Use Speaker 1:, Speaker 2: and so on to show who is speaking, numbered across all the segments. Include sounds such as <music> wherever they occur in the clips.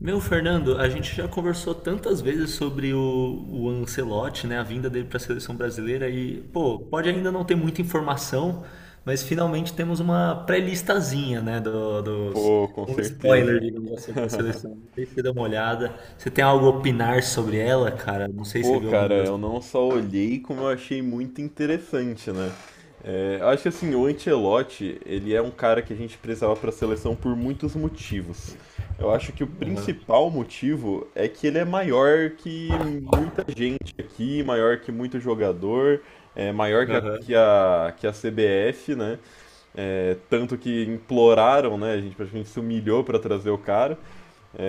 Speaker 1: Meu, Fernando, a gente já conversou tantas vezes sobre o Ancelotti, né, a vinda dele para a seleção brasileira e, pô, pode ainda não ter muita informação, mas finalmente temos uma pré-listazinha, né, dos
Speaker 2: Pô, com
Speaker 1: um spoiler,
Speaker 2: certeza.
Speaker 1: digamos assim, da seleção.
Speaker 2: <laughs>
Speaker 1: Não sei se você deu uma olhada. Você tem algo a opinar sobre ela, cara? Não sei se você
Speaker 2: Pô,
Speaker 1: viu
Speaker 2: cara,
Speaker 1: algumas das
Speaker 2: eu
Speaker 1: coisas.
Speaker 2: não só olhei como eu achei muito interessante, né? Eu acho que assim, o Ancelotti, ele é um cara que a gente precisava para a seleção por muitos motivos. Eu acho que o
Speaker 1: Aham,
Speaker 2: principal motivo é que ele é maior que muita gente aqui, maior que muito jogador, é maior que a,
Speaker 1: aham.
Speaker 2: que a, que a CBF, né? Tanto que imploraram, né? A gente praticamente se humilhou para trazer o cara.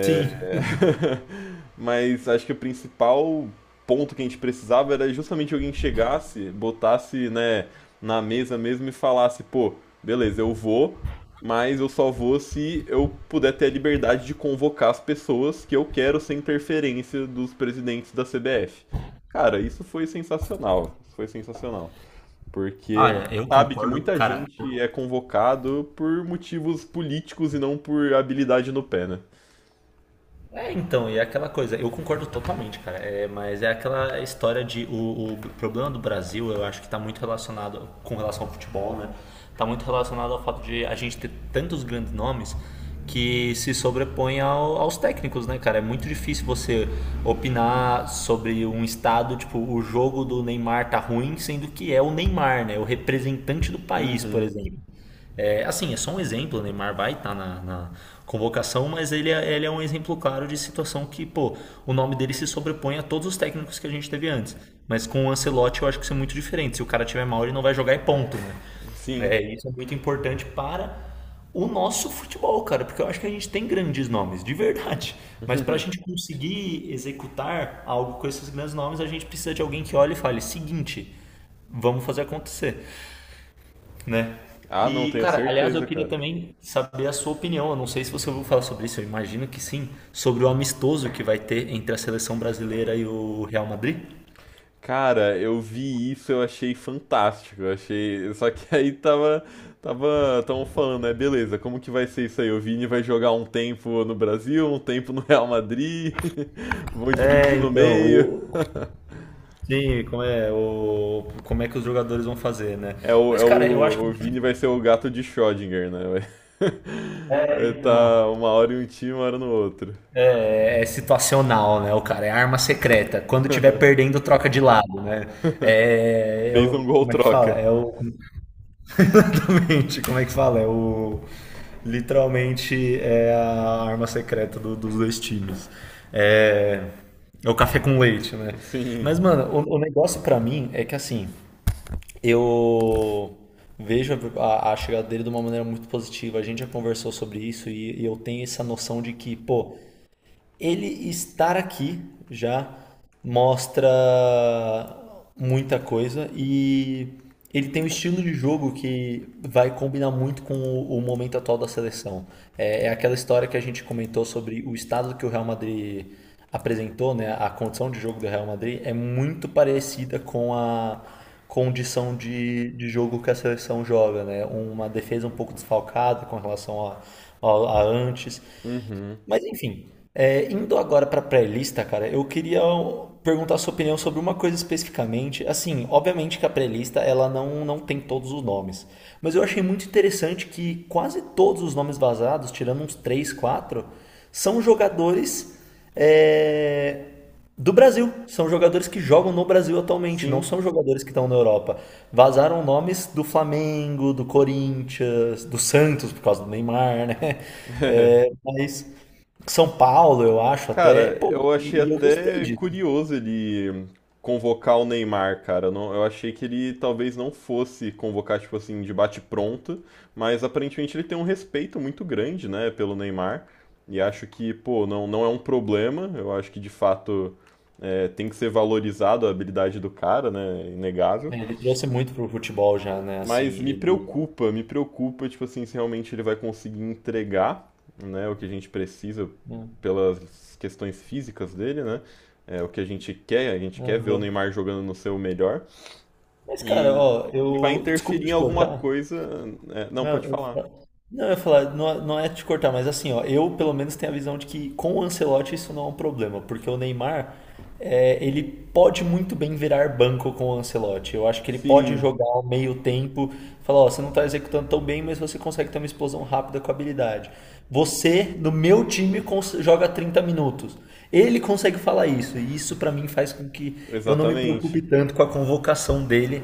Speaker 1: Sim.
Speaker 2: <laughs> mas acho que o principal ponto que a gente precisava era justamente alguém que chegasse, botasse, né, na mesa mesmo e falasse, pô, beleza, eu vou, mas eu só vou se eu puder ter a liberdade de convocar as pessoas que eu quero sem interferência dos presidentes da CBF. Cara, isso foi sensacional, isso foi sensacional. Porque a gente
Speaker 1: Olha, eu
Speaker 2: sabe que
Speaker 1: concordo,
Speaker 2: muita
Speaker 1: cara.
Speaker 2: gente é convocado por motivos políticos e não por habilidade no pé, né?
Speaker 1: É, então, e é aquela coisa, eu concordo totalmente, cara, mas é aquela história de. O problema do Brasil, eu acho que está muito relacionado com relação ao futebol, né? Está muito relacionado ao fato de a gente ter tantos grandes nomes que se sobrepõe aos técnicos, né, cara? É muito difícil você opinar sobre um estado, tipo, o jogo do Neymar tá ruim, sendo que é o Neymar, né? O representante do país, por
Speaker 2: Uhum.
Speaker 1: exemplo. É, assim, é só um exemplo, o Neymar vai estar na convocação, mas ele é um exemplo claro de situação que, pô, o nome dele se sobrepõe a todos os técnicos que a gente teve antes. Mas com o Ancelotti eu acho que isso é muito diferente. Se o cara tiver mal, ele não vai jogar e ponto, né?
Speaker 2: Sim.
Speaker 1: Isso é muito importante para o nosso futebol, cara, porque eu acho que a gente tem grandes nomes, de verdade. Mas para a gente
Speaker 2: <laughs>
Speaker 1: conseguir executar algo com esses grandes nomes, a gente precisa de alguém que olhe e fale: seguinte, vamos fazer acontecer, né?
Speaker 2: Ah, não,
Speaker 1: E,
Speaker 2: tenho
Speaker 1: cara, aliás, eu
Speaker 2: certeza,
Speaker 1: queria
Speaker 2: cara.
Speaker 1: também saber a sua opinião. Eu não sei se você ouviu falar sobre isso, eu imagino que sim, sobre o amistoso que vai ter entre a seleção brasileira e o Real Madrid.
Speaker 2: Cara, eu vi isso, eu achei fantástico. Eu achei. Só que <laughs> aí tava. Tava. Tão falando, né? Beleza, como que vai ser isso aí? O Vini vai jogar um tempo no Brasil, um tempo no Real Madrid. <laughs> Vão
Speaker 1: É,
Speaker 2: dividir no
Speaker 1: então,
Speaker 2: meio. <laughs>
Speaker 1: sim, como é que os jogadores vão fazer, né?
Speaker 2: É o,
Speaker 1: Mas,
Speaker 2: é
Speaker 1: cara, eu acho que
Speaker 2: o, o Vini vai ser o gato de Schrödinger, né? Vai <laughs> vai
Speaker 1: então,
Speaker 2: tá uma hora em um time, uma hora no outro.
Speaker 1: é situacional, né? O cara é arma secreta. Quando tiver perdendo, troca de lado, né?
Speaker 2: <laughs> Fez um gol
Speaker 1: Como é que fala?
Speaker 2: troca.
Speaker 1: É o. <laughs> Exatamente, como é que fala? É o. Literalmente é a arma secreta dos dois times. É. É o café com leite, né?
Speaker 2: Sim.
Speaker 1: Mas, mano, o negócio pra mim é que assim, eu vejo a chegada dele de uma maneira muito positiva. A gente já conversou sobre isso e eu tenho essa noção de que, pô, ele estar aqui já mostra muita coisa e ele tem um estilo de jogo que vai combinar muito com o momento atual da seleção. É aquela história que a gente comentou sobre o estado que o Real Madrid apresentou, né? A condição de jogo do Real Madrid é muito parecida com a condição de jogo que a seleção joga, né? Uma defesa um pouco desfalcada com relação a antes,
Speaker 2: Uhum.
Speaker 1: mas enfim, indo agora para pré-lista, cara, eu queria perguntar a sua opinião sobre uma coisa especificamente. Assim, obviamente que a pré-lista ela não tem todos os nomes, mas eu achei muito interessante que quase todos os nomes vazados, tirando uns 3 4, são jogadores é, do Brasil. São jogadores que jogam no Brasil atualmente, não
Speaker 2: Sim.
Speaker 1: são jogadores que estão na Europa. Vazaram nomes do Flamengo, do Corinthians, do Santos, por causa do Neymar, né? É,
Speaker 2: <laughs>
Speaker 1: mas. São Paulo, eu acho, até.
Speaker 2: Cara,
Speaker 1: Pô,
Speaker 2: eu achei
Speaker 1: e eu gostei
Speaker 2: até
Speaker 1: disso.
Speaker 2: curioso ele convocar o Neymar, cara. Eu não, eu achei que ele talvez não fosse convocar, tipo assim, de bate-pronto, mas aparentemente ele tem um respeito muito grande, né, pelo Neymar. E acho que, pô, não, não é um problema. Eu acho que de fato é, tem que ser valorizado a habilidade do cara, né? Inegável.
Speaker 1: Né? Ele trouxe muito pro futebol já, né? Assim,
Speaker 2: Mas
Speaker 1: ele.
Speaker 2: me preocupa, tipo assim, se realmente ele vai conseguir entregar, né, o que a gente precisa
Speaker 1: Né?
Speaker 2: pelas questões físicas dele, né? É o que a gente quer ver o
Speaker 1: Aham.
Speaker 2: Neymar jogando no seu melhor.
Speaker 1: Mas, cara,
Speaker 2: E
Speaker 1: ó,
Speaker 2: ele vai
Speaker 1: eu. Desculpa
Speaker 2: interferir em
Speaker 1: te
Speaker 2: alguma
Speaker 1: cortar.
Speaker 2: coisa. É, não,
Speaker 1: Não,
Speaker 2: pode
Speaker 1: eu-
Speaker 2: falar.
Speaker 1: Não, eu ia falar, não, não é te cortar, mas assim, ó, eu pelo menos tenho a visão de que com o Ancelotti isso não é um problema, porque o Neymar, ele pode muito bem virar banco com o Ancelotti. Eu acho que ele pode
Speaker 2: Sim,
Speaker 1: jogar ao meio tempo, falar, ó, você não tá executando tão bem, mas você consegue ter uma explosão rápida com habilidade. Você, no meu time, joga 30 minutos. Ele consegue falar isso, e isso pra mim faz com que eu não me
Speaker 2: exatamente.
Speaker 1: preocupe tanto com a convocação dele,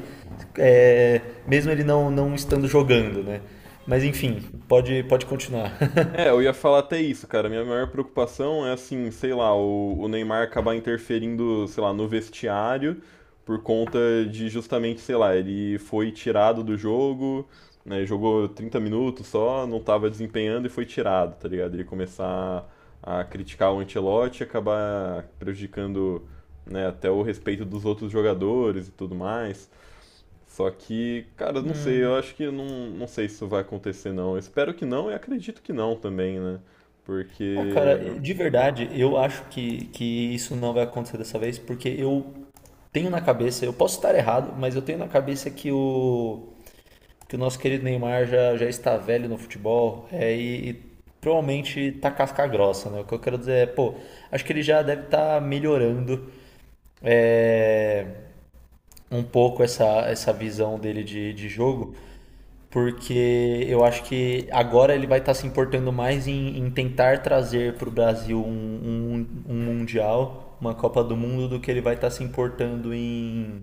Speaker 1: é, mesmo ele não estando jogando, né? Mas enfim, pode continuar. <laughs>
Speaker 2: Eu ia falar até isso, cara. Minha maior preocupação é assim, sei lá, o Neymar acabar interferindo, sei lá, no vestiário por conta de justamente, sei lá, ele foi tirado do jogo, né, jogou 30 minutos só, não estava desempenhando e foi tirado, tá ligado? Ele começar a criticar o Ancelotti e acabar prejudicando, né, até o respeito dos outros jogadores e tudo mais. Só que, cara, não sei, eu acho que não, não sei se isso vai acontecer não. Eu espero que não e acredito que não também, né?
Speaker 1: Ah,
Speaker 2: Porque
Speaker 1: cara, de verdade, eu acho que isso não vai acontecer dessa vez, porque eu tenho na cabeça, eu posso estar errado, mas eu tenho na cabeça que o nosso querido Neymar já está velho no futebol e provavelmente tá casca grossa, né? O que eu quero dizer é, pô, acho que ele já deve estar melhorando, é, um pouco essa visão dele de jogo. Porque eu acho que agora ele vai estar se importando mais em tentar trazer para o Brasil um Mundial, uma Copa do Mundo, do que ele vai estar se importando em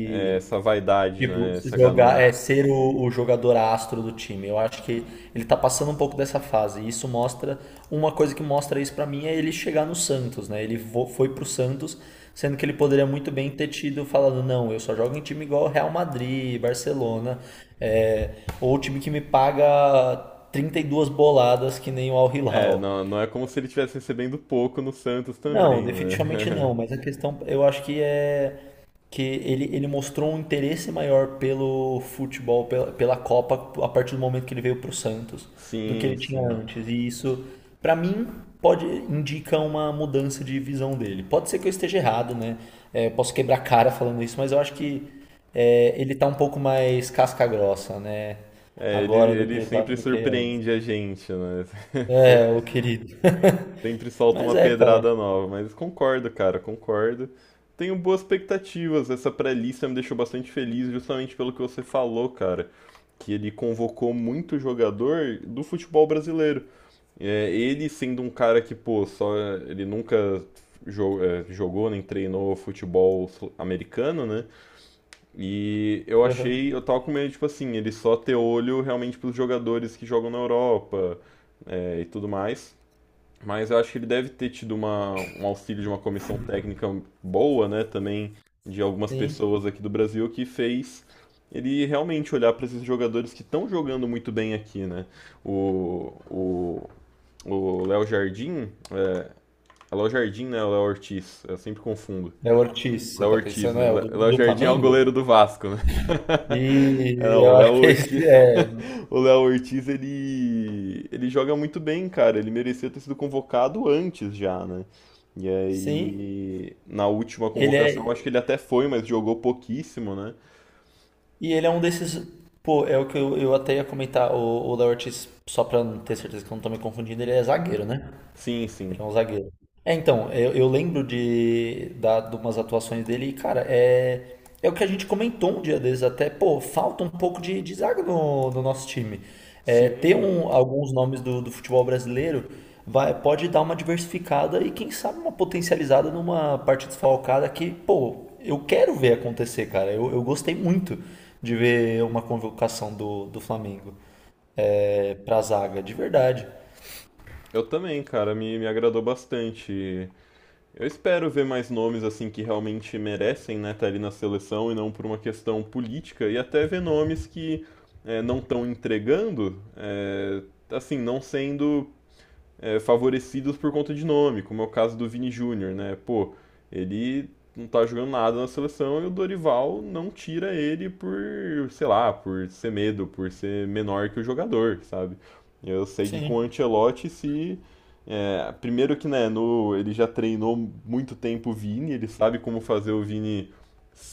Speaker 2: é, essa vaidade,
Speaker 1: Tipo,
Speaker 2: né?
Speaker 1: se
Speaker 2: Essa
Speaker 1: jogar,
Speaker 2: ganância.
Speaker 1: é ser o jogador astro do time. Eu acho que ele tá passando um pouco dessa fase. E isso mostra. Uma coisa que mostra isso pra mim é ele chegar no Santos, né? Ele foi pro Santos, sendo que ele poderia muito bem ter tido falado, não, eu só jogo em time igual Real Madrid, Barcelona, é, ou time que me paga 32 boladas que nem o Al
Speaker 2: É,
Speaker 1: Hilal.
Speaker 2: não, não é como se ele estivesse recebendo pouco no Santos
Speaker 1: Não,
Speaker 2: também,
Speaker 1: definitivamente
Speaker 2: né?
Speaker 1: não, mas a questão eu acho que é que ele mostrou um interesse maior pelo futebol, pela Copa, a partir do momento que ele veio para o Santos,
Speaker 2: <laughs>
Speaker 1: do que
Speaker 2: Sim,
Speaker 1: ele tinha
Speaker 2: sim.
Speaker 1: antes. E isso, para mim, pode indica uma mudança de visão dele. Pode ser que eu esteja errado, né? É, eu posso quebrar a cara falando isso, mas eu acho que, ele tá um pouco mais casca grossa, né?
Speaker 2: É, ele,
Speaker 1: Agora do que,
Speaker 2: ele sempre
Speaker 1: do que antes.
Speaker 2: surpreende a gente, né? <laughs> Sem-
Speaker 1: É, o querido.
Speaker 2: sempre
Speaker 1: <laughs>
Speaker 2: solta
Speaker 1: Mas
Speaker 2: uma
Speaker 1: é, cara.
Speaker 2: pedrada nova, mas concordo, cara, concordo. Tenho boas expectativas. Essa pré-lista me deixou bastante feliz, justamente pelo que você falou, cara, que ele convocou muito jogador do futebol brasileiro. É, ele sendo um cara que, pô, só ele nunca jo- jogou nem treinou futebol sul- americano, né? E eu
Speaker 1: Aham.
Speaker 2: achei, eu tava com medo, tipo assim, ele só ter olho realmente pros jogadores que jogam na Europa, e tudo mais. Mas eu acho que ele deve ter tido uma, um auxílio de uma comissão técnica boa, né? Também de algumas
Speaker 1: Sim.
Speaker 2: pessoas aqui do Brasil que fez ele realmente olhar para esses jogadores que estão jogando muito bem aqui, né? O, o, o Léo Jardim, é Léo Jardim, né? O Léo Ortiz, eu sempre confundo.
Speaker 1: É o Ortiz, você
Speaker 2: Léo
Speaker 1: tá
Speaker 2: Ortiz,
Speaker 1: pensando,
Speaker 2: né?
Speaker 1: é o
Speaker 2: Lé-
Speaker 1: do,
Speaker 2: Léo
Speaker 1: do
Speaker 2: Jardim é o
Speaker 1: Flamengo?
Speaker 2: goleiro do Vasco, né? <laughs> É,
Speaker 1: E
Speaker 2: não, o
Speaker 1: eu
Speaker 2: Léo
Speaker 1: acho que
Speaker 2: Ortiz,
Speaker 1: esse é.
Speaker 2: <laughs> o Léo Ortiz, ele joga muito bem, cara. Ele merecia ter sido convocado antes já, né? E
Speaker 1: Sim,
Speaker 2: aí, na última
Speaker 1: ele
Speaker 2: convocação, acho
Speaker 1: é.
Speaker 2: que ele até foi, mas jogou pouquíssimo, né?
Speaker 1: E ele é um desses. Pô, é o que eu até ia comentar. O Léo Ortiz, só pra ter certeza que eu não tô me confundindo, ele é zagueiro, né?
Speaker 2: Sim,
Speaker 1: Ele
Speaker 2: sim.
Speaker 1: é um zagueiro. É, então, eu lembro de umas atuações dele e, cara, é o que a gente comentou um dia desses até, pô, falta um pouco de zaga no nosso time. É, ter
Speaker 2: Sim,
Speaker 1: alguns nomes do futebol brasileiro pode dar uma diversificada e, quem sabe, uma potencializada numa parte desfalcada que, pô, eu quero ver acontecer, cara. Eu gostei muito de ver uma convocação do Flamengo, pra zaga, de verdade.
Speaker 2: eu também, cara. Me agradou bastante. Eu espero ver mais nomes assim que realmente merecem, né, estar ali na seleção e não por uma questão política e até ver nomes que não estão entregando, assim, não sendo favorecidos por conta de nome, como é o caso do Vini Júnior, né? Pô, ele não tá jogando nada na seleção e o Dorival não tira ele por, sei lá, por ser medo, por ser menor que o jogador, sabe? Eu sei que com o
Speaker 1: Sim,
Speaker 2: Ancelotti se é, primeiro que né, no, ele já treinou muito tempo o Vini, ele sabe como fazer o Vini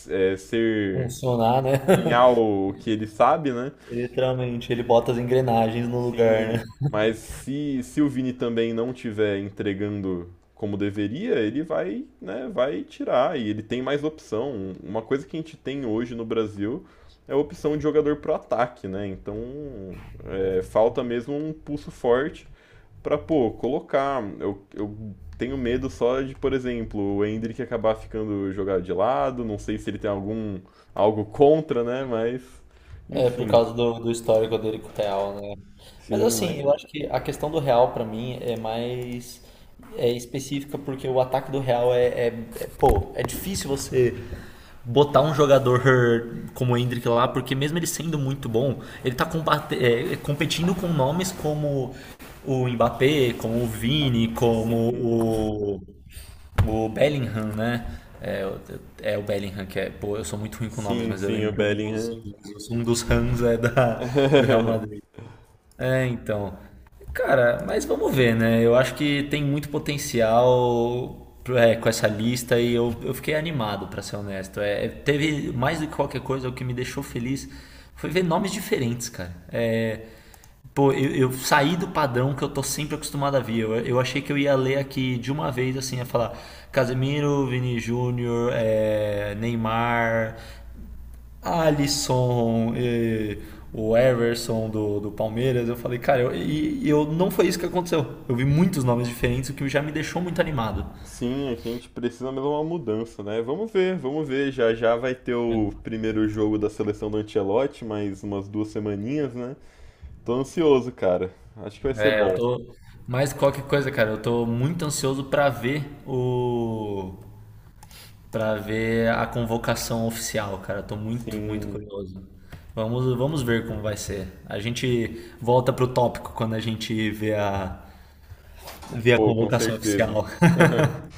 Speaker 2: ser
Speaker 1: funcionar, né? <laughs>
Speaker 2: empenhar o que ele sabe, né?
Speaker 1: Literalmente, ele bota as engrenagens no lugar,
Speaker 2: Sim,
Speaker 1: né?
Speaker 2: mas se o Vini também não tiver entregando como deveria, ele vai, né, vai tirar e ele tem mais opção. Uma coisa que a gente tem hoje no Brasil é a opção de jogador pro ataque, né? Então, é, falta mesmo um pulso forte pra, pô, colocar. Eu tenho medo só de, por exemplo, o Endrick acabar ficando jogado de lado, não sei se ele tem algum algo contra, né? Mas,
Speaker 1: É, por
Speaker 2: enfim.
Speaker 1: causa do histórico dele com o Real, né? Mas
Speaker 2: Sim,
Speaker 1: assim, eu acho
Speaker 2: mas
Speaker 1: que a questão do Real pra mim é mais específica, porque o ataque do Real pô, é difícil você botar um jogador como o Endrick lá, porque mesmo ele sendo muito bom, ele tá combate, competindo com nomes como o Mbappé, como o Vini,
Speaker 2: sim.
Speaker 1: como o Bellingham, né? É, o- é o Bellingham que é. Pô, eu sou muito ruim com nomes,
Speaker 2: Sim,
Speaker 1: mas eu
Speaker 2: sim, o
Speaker 1: lembro que um dos,
Speaker 2: Bellingham.
Speaker 1: um dos Rams é do Real
Speaker 2: <laughs>
Speaker 1: Madrid. É, então. Cara, mas vamos ver, né? Eu acho que tem muito potencial, com essa lista e eu fiquei animado, pra ser honesto. Teve mais do que qualquer coisa, o que me deixou feliz foi ver nomes diferentes, cara. Pô, eu saí do padrão que eu tô sempre acostumado a ver. Eu achei que eu ia ler aqui de uma vez, assim, ia falar Casemiro, Vini Júnior, Neymar, Alisson, e o Everson do Palmeiras. Eu falei, cara, eu não foi isso que aconteceu. Eu vi muitos nomes diferentes, o que já me deixou muito animado.
Speaker 2: Sim, aqui a gente precisa mesmo uma mudança, né? Vamos ver, vamos ver. Já já vai ter
Speaker 1: Né?
Speaker 2: o primeiro jogo da seleção do Ancelotti, mais umas duas semaninhas, né? Tô ansioso, cara. Acho que vai ser
Speaker 1: Eu
Speaker 2: bom.
Speaker 1: tô. Mais que qualquer coisa, cara, eu tô muito ansioso pra ver o, pra ver a convocação oficial, cara. Eu tô muito, muito
Speaker 2: Sim,
Speaker 1: curioso. Vamos ver como vai ser. A gente volta pro tópico quando a gente vê a
Speaker 2: pô, com
Speaker 1: convocação
Speaker 2: certeza.
Speaker 1: oficial.
Speaker 2: <laughs>